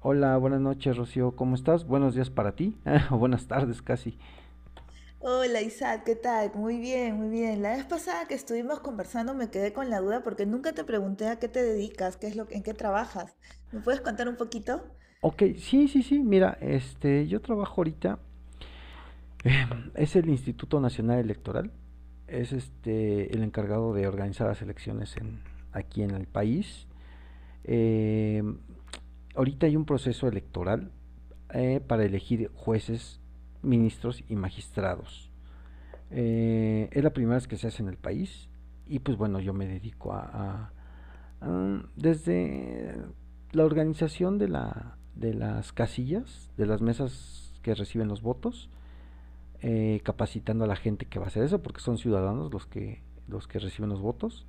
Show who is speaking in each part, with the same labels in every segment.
Speaker 1: Hola, buenas noches, Rocío. ¿Cómo estás? Buenos días para ti, o buenas tardes casi.
Speaker 2: Hola Isaac, ¿qué tal? Muy bien, muy bien. La vez pasada que estuvimos conversando me quedé con la duda porque nunca te pregunté a qué te dedicas, qué es lo, en qué trabajas. ¿Me puedes contar un poquito?
Speaker 1: Ok, sí. Mira, yo trabajo ahorita. Es el Instituto Nacional Electoral. Es el encargado de organizar las elecciones en, aquí en el país. Eh, ahorita hay un proceso electoral para elegir jueces, ministros y magistrados. Es la primera vez que se hace en el país. Y pues bueno, yo me dedico a desde la organización de las casillas, de las mesas que reciben los votos, capacitando a la gente que va a hacer eso, porque son ciudadanos los que reciben los votos,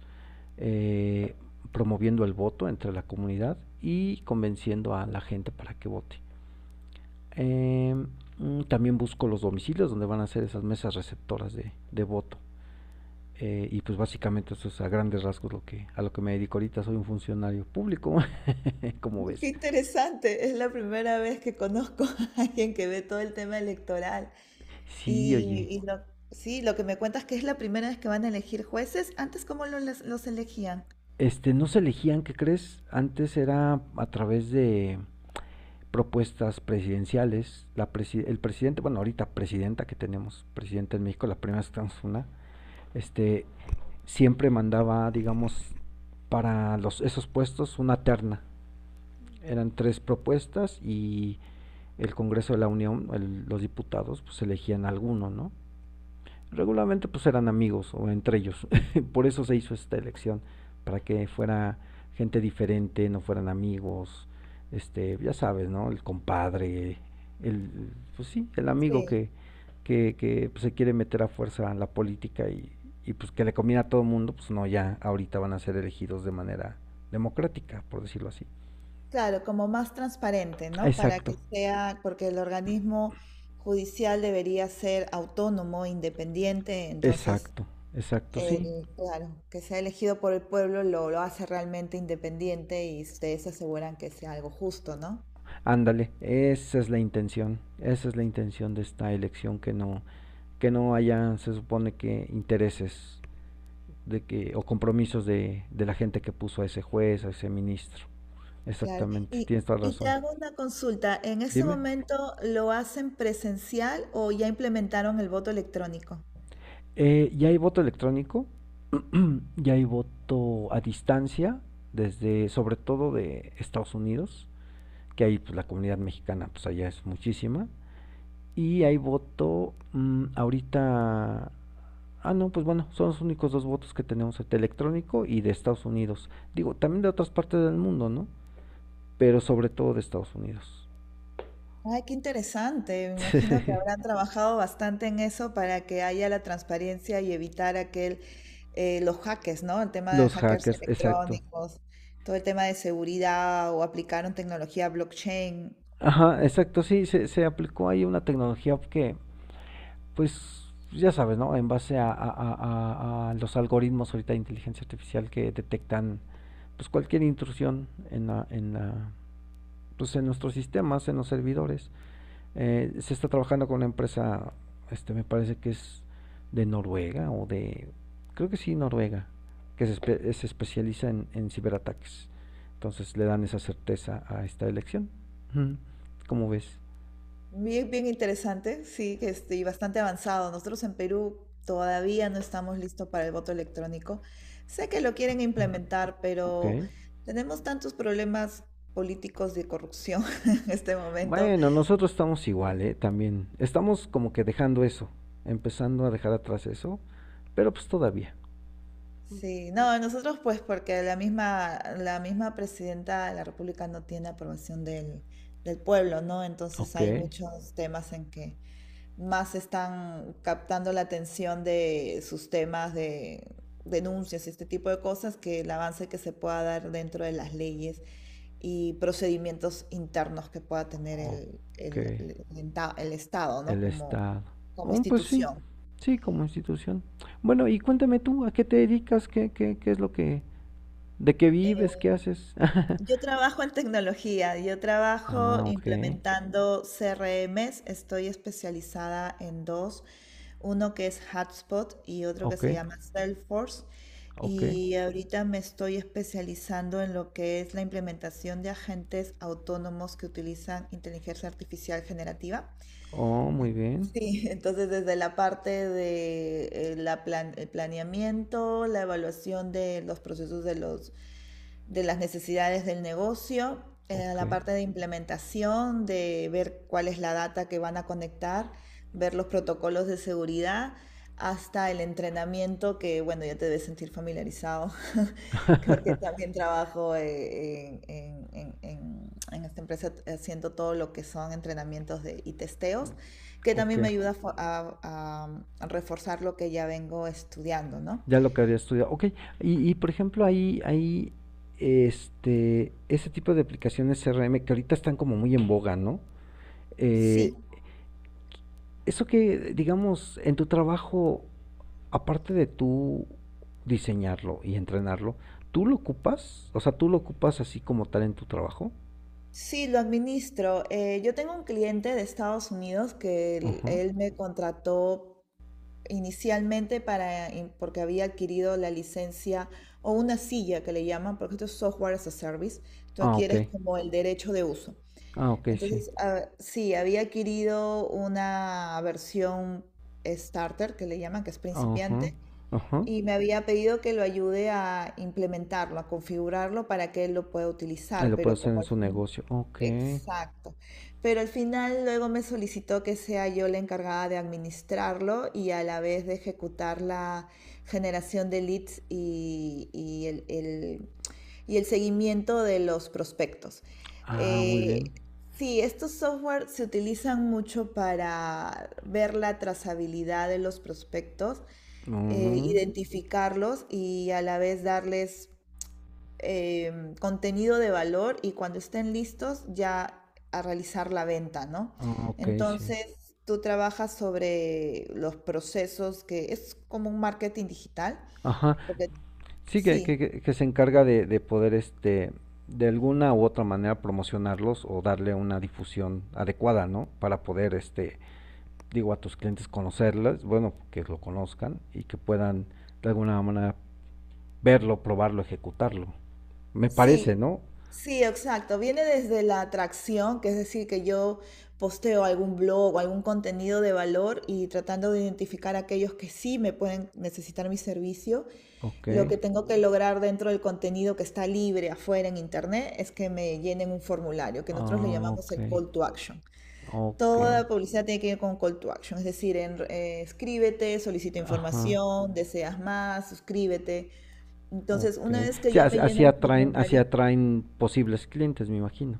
Speaker 1: eh, promoviendo el voto entre la comunidad y convenciendo a la gente para que vote. Eh, también busco los domicilios donde van a ser esas mesas receptoras de voto. Y pues básicamente eso es a grandes rasgos a lo que me dedico ahorita. Soy un funcionario público, como
Speaker 2: Qué
Speaker 1: ves.
Speaker 2: interesante, es la primera vez que conozco a alguien que ve todo el tema electoral.
Speaker 1: Sí,
Speaker 2: Y,
Speaker 1: oye.
Speaker 2: y lo- sí, lo que me cuentas que es la primera vez que van a elegir jueces. Antes, ¿cómo los elegían?
Speaker 1: Este, no se elegían, ¿qué crees? Antes era a través de propuestas presidenciales. La presi El presidente, bueno, ahorita presidenta que tenemos, presidenta en México, la primera vez una, este, siempre mandaba, digamos, para esos puestos una terna. Eran tres propuestas y el Congreso de la Unión, los diputados, pues elegían alguno, ¿no? Regularmente pues eran amigos o entre ellos. Por eso se hizo esta elección, para que fuera gente diferente, no fueran amigos, este, ya sabes, ¿no? El compadre, el, pues sí, el amigo
Speaker 2: Sí.
Speaker 1: que pues, se quiere meter a fuerza en la política y pues que le conviene a todo el mundo, pues no, ya ahorita van a ser elegidos de manera democrática, por decirlo así.
Speaker 2: Claro, como más transparente, ¿no? Para
Speaker 1: Exacto,
Speaker 2: que sea, porque el organismo judicial debería ser autónomo, independiente, entonces,
Speaker 1: exacto, exacto, sí.
Speaker 2: claro, que sea elegido por el pueblo lo hace realmente independiente y ustedes aseguran que sea algo justo, ¿no?
Speaker 1: Ándale, esa es la intención, esa es la intención de esta elección que no haya, se supone que intereses de que, o compromisos de la gente que puso a ese juez, a ese ministro.
Speaker 2: Claro.
Speaker 1: Exactamente,
Speaker 2: Y,
Speaker 1: tienes toda
Speaker 2: y te
Speaker 1: razón.
Speaker 2: hago una consulta, ¿en este
Speaker 1: Dime.
Speaker 2: momento lo hacen presencial o ya implementaron el voto electrónico?
Speaker 1: Ya hay voto electrónico, ya hay voto a distancia, desde, sobre todo de Estados Unidos, que ahí pues, la comunidad mexicana, pues allá es muchísima. Y hay voto mmm, ahorita Ah, no, pues bueno, son los únicos dos votos que tenemos, el electrónico y de Estados Unidos. Digo, también de otras partes del mundo, ¿no? Pero sobre todo de Estados Unidos.
Speaker 2: Ay, qué interesante. Me imagino que habrán trabajado bastante en eso para que haya la transparencia y evitar aquel, los hackers, ¿no? El tema de
Speaker 1: Los
Speaker 2: hackers
Speaker 1: hackers, exacto.
Speaker 2: electrónicos, todo el tema de seguridad o aplicaron tecnología blockchain.
Speaker 1: Ajá,
Speaker 2: ¿No?
Speaker 1: exacto, sí, se aplicó ahí una tecnología que, pues, ya sabes, ¿no? En base a los algoritmos ahorita de inteligencia artificial que detectan, pues, cualquier intrusión en la, pues, en nuestros sistemas, en los servidores. Se está trabajando con una empresa, este, me parece que es de Noruega o de, creo que sí, Noruega, que se especializa en ciberataques. Entonces le dan esa certeza a esta elección. ¿Cómo ves?
Speaker 2: Bien, bien interesante, sí, y bastante avanzado. Nosotros en Perú todavía no estamos listos para el voto electrónico. Sé que lo quieren implementar,
Speaker 1: Ok.
Speaker 2: pero tenemos tantos problemas políticos de corrupción en este momento.
Speaker 1: Bueno, nosotros estamos igual, ¿eh? También. Estamos como que dejando eso, empezando a dejar atrás eso, pero pues todavía.
Speaker 2: Sí, no, nosotros pues porque la misma presidenta de la República no tiene aprobación del pueblo, ¿no? Entonces
Speaker 1: Ok,
Speaker 2: hay muchos temas en que más están captando la atención de sus temas de denuncias y este tipo de cosas que el avance que se pueda dar dentro de las leyes y procedimientos internos que pueda tener el,
Speaker 1: ok.
Speaker 2: el- el enta- el Estado, ¿no?
Speaker 1: El
Speaker 2: Como,
Speaker 1: Estado.
Speaker 2: como
Speaker 1: Oh, pues sí,
Speaker 2: institución.
Speaker 1: sí, como institución. Bueno, y cuéntame tú, ¿a qué te dedicas? ¿ Qué es lo que... ¿De qué vives? ¿Qué haces?
Speaker 2: Yo trabajo en tecnología, yo trabajo
Speaker 1: Ah, ok,
Speaker 2: implementando CRMs, estoy especializada en dos, uno que es Hotspot y otro que
Speaker 1: ok,
Speaker 2: se llama Salesforce.
Speaker 1: ok.
Speaker 2: Y ahorita me estoy especializando en lo que es la implementación de agentes autónomos que utilizan inteligencia artificial generativa.
Speaker 1: Oh, muy
Speaker 2: Sí,
Speaker 1: bien,
Speaker 2: entonces desde la parte de el planeamiento, la evaluación de los procesos de las necesidades del negocio,
Speaker 1: ok.
Speaker 2: la parte de implementación, de ver cuál es la data que van a conectar, ver los protocolos de seguridad, hasta el entrenamiento, que bueno, ya te debes sentir familiarizado, porque también trabajo en esta empresa haciendo todo lo que son entrenamientos de, y testeos, que
Speaker 1: Ok,
Speaker 2: también me ayuda a, a reforzar lo que ya vengo estudiando, ¿no?
Speaker 1: ya lo que había estudiado. Ok, y por ejemplo, este, ese tipo de aplicaciones CRM que ahorita están como muy en boga, ¿no?
Speaker 2: Sí.
Speaker 1: Eh, eso que, digamos, en tu trabajo aparte de tú diseñarlo y entrenarlo, ¿tú lo ocupas? O sea, ¿tú lo ocupas así como tal en tu trabajo?
Speaker 2: Sí, lo administro. Yo tengo un cliente de Estados Unidos que él,
Speaker 1: Ajá.
Speaker 2: él me contrató inicialmente porque había adquirido la licencia o una silla que le llaman, porque esto es software as a service. Tú
Speaker 1: Ah, ok.
Speaker 2: adquieres como el derecho de uso.
Speaker 1: Ah, ok, sí.
Speaker 2: Entonces, ah, sí, había adquirido una versión starter que le llaman, que es
Speaker 1: Ajá.
Speaker 2: principiante,
Speaker 1: Ajá.
Speaker 2: y me había pedido que lo ayude a implementarlo, a configurarlo para que él lo pueda
Speaker 1: Ahí
Speaker 2: utilizar,
Speaker 1: lo puede
Speaker 2: pero
Speaker 1: hacer
Speaker 2: como
Speaker 1: en
Speaker 2: al
Speaker 1: su
Speaker 2: fin.
Speaker 1: negocio. Ok.
Speaker 2: Exacto. Pero al final luego me solicitó que sea yo la encargada de administrarlo y a la vez de ejecutar la generación de leads y el seguimiento de los prospectos.
Speaker 1: Ah, muy bien.
Speaker 2: Eh, sí, estos software se utilizan mucho para ver la trazabilidad de los prospectos,
Speaker 1: Mm.
Speaker 2: identificarlos y a la vez darles contenido de valor y cuando estén listos ya a realizar la venta, ¿no?
Speaker 1: Ah, ok, sí.
Speaker 2: Entonces, tú trabajas sobre los procesos, que es como un marketing digital,
Speaker 1: Ajá.
Speaker 2: porque
Speaker 1: Sí,
Speaker 2: sí,
Speaker 1: que se encarga de poder, este, de alguna u otra manera promocionarlos o darle una difusión adecuada, ¿no? Para poder, este, digo, a tus clientes conocerlas, bueno, que lo conozcan y que puedan de alguna manera verlo, probarlo, ejecutarlo. Me parece,
Speaker 2: sí,
Speaker 1: ¿no?
Speaker 2: sí, exacto. Viene desde la atracción, que es decir, que yo posteo algún blog o algún contenido de valor y tratando de identificar a aquellos que sí me pueden necesitar mi servicio.
Speaker 1: Ok,
Speaker 2: Lo que tengo que lograr dentro del contenido que está libre afuera en internet es que me llenen un formulario, que nosotros le
Speaker 1: ah,
Speaker 2: llamamos
Speaker 1: ok,
Speaker 2: el call to action.
Speaker 1: ok,
Speaker 2: Toda publicidad tiene que ir con call to action, es decir, escríbete, solicita
Speaker 1: ajá,
Speaker 2: información, deseas más, suscríbete. Entonces,
Speaker 1: ok.
Speaker 2: una vez que
Speaker 1: Sí,
Speaker 2: ya me llenan el
Speaker 1: así
Speaker 2: formulario.
Speaker 1: atraen posibles clientes, me imagino.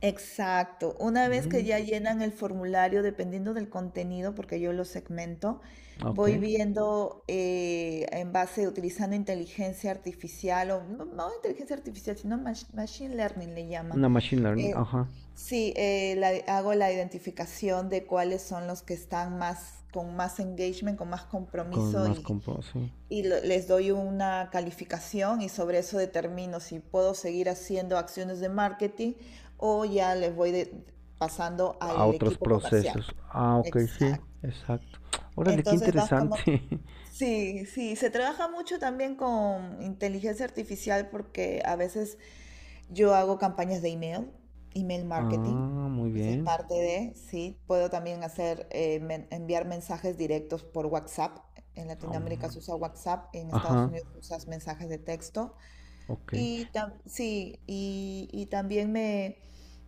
Speaker 2: Exacto. Una vez que
Speaker 1: Mm,
Speaker 2: ya llenan el formulario, dependiendo del contenido, porque yo lo segmento,
Speaker 1: ok,
Speaker 2: voy viendo en base, utilizando inteligencia artificial, o no, no inteligencia artificial, sino machine learning le llaman.
Speaker 1: una machine learning,
Speaker 2: Eh,
Speaker 1: ajá,
Speaker 2: sí, eh, la- Hago la identificación de cuáles son los que están más, con más engagement, con más
Speaker 1: con
Speaker 2: compromiso
Speaker 1: más compro, sí.
Speaker 2: y les doy una calificación y sobre eso determino si puedo seguir haciendo acciones de marketing o ya les voy pasando
Speaker 1: A
Speaker 2: al
Speaker 1: otros
Speaker 2: equipo comercial.
Speaker 1: procesos. Ah, ok, sí,
Speaker 2: Exacto.
Speaker 1: exacto. Órale, qué
Speaker 2: Entonces vas como...
Speaker 1: interesante.
Speaker 2: Sí, sí, se trabaja mucho también con inteligencia artificial porque a veces yo hago campañas de email, email marketing.
Speaker 1: Ah, muy
Speaker 2: Esa es
Speaker 1: bien.
Speaker 2: parte de, sí. Puedo también hacer, enviar mensajes directos por WhatsApp. En Latinoamérica
Speaker 1: Um,
Speaker 2: se usa WhatsApp, en Estados
Speaker 1: Ajá.
Speaker 2: Unidos usas mensajes de texto.
Speaker 1: Ok.
Speaker 2: Sí, y también me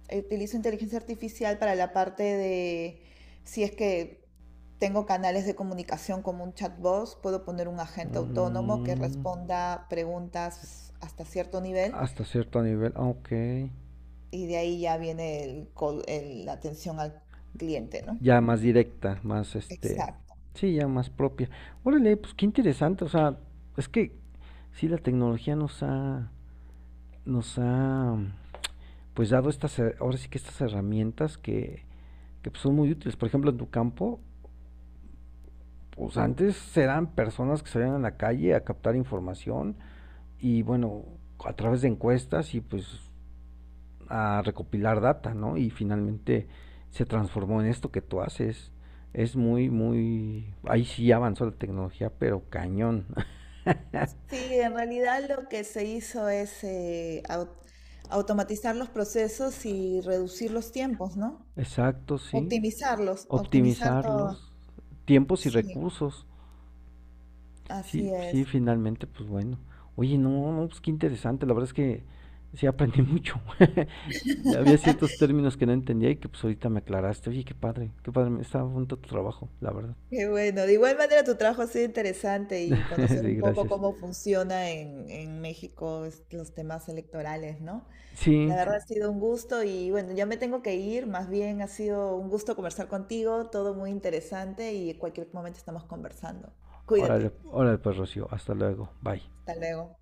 Speaker 2: utilizo inteligencia artificial para la parte de, si es que tengo canales de comunicación como un chatbot, puedo poner un agente autónomo que
Speaker 1: Mm,
Speaker 2: responda preguntas hasta cierto nivel
Speaker 1: hasta cierto nivel, ok.
Speaker 2: y de ahí ya viene la atención al cliente, ¿no?
Speaker 1: Ya más directa, más este.
Speaker 2: Exacto.
Speaker 1: Sí, ya más propia. Órale, pues qué interesante. O sea, es que sí, la tecnología nos ha, pues dado estas, ahora sí que estas herramientas que pues, son muy útiles. Por ejemplo, en tu campo, pues antes eran personas que salían a la calle a captar información y bueno, a través de encuestas y pues a recopilar data, ¿no? Y finalmente se transformó en esto que tú haces. Es Ahí sí avanzó la tecnología, pero cañón.
Speaker 2: Sí, en realidad lo que se hizo es automatizar los procesos y reducir los tiempos, ¿no?
Speaker 1: Exacto, sí.
Speaker 2: Optimizarlos, optimizar
Speaker 1: Optimizar
Speaker 2: todo.
Speaker 1: los tiempos y
Speaker 2: Sí,
Speaker 1: recursos. Sí,
Speaker 2: así
Speaker 1: sí,
Speaker 2: es.
Speaker 1: finalmente, pues bueno. Oye, no, no, pues qué interesante. La verdad es que sí aprendí mucho. Había ciertos términos que no entendía y que pues ahorita me aclaraste. Oye, qué padre, qué padre. Estaba junto a tu trabajo, la verdad.
Speaker 2: Qué bueno. De igual manera, tu trabajo ha sido interesante y conocer
Speaker 1: Sí,
Speaker 2: un poco
Speaker 1: gracias.
Speaker 2: cómo funciona en México los temas electorales, ¿no? La
Speaker 1: Sí,
Speaker 2: verdad ha sido un gusto y bueno, ya me tengo que ir, más bien ha sido un gusto conversar contigo, todo muy interesante y en cualquier momento estamos conversando.
Speaker 1: órale,
Speaker 2: Cuídate,
Speaker 1: órale pues Rocío, hasta luego, bye.
Speaker 2: hasta luego.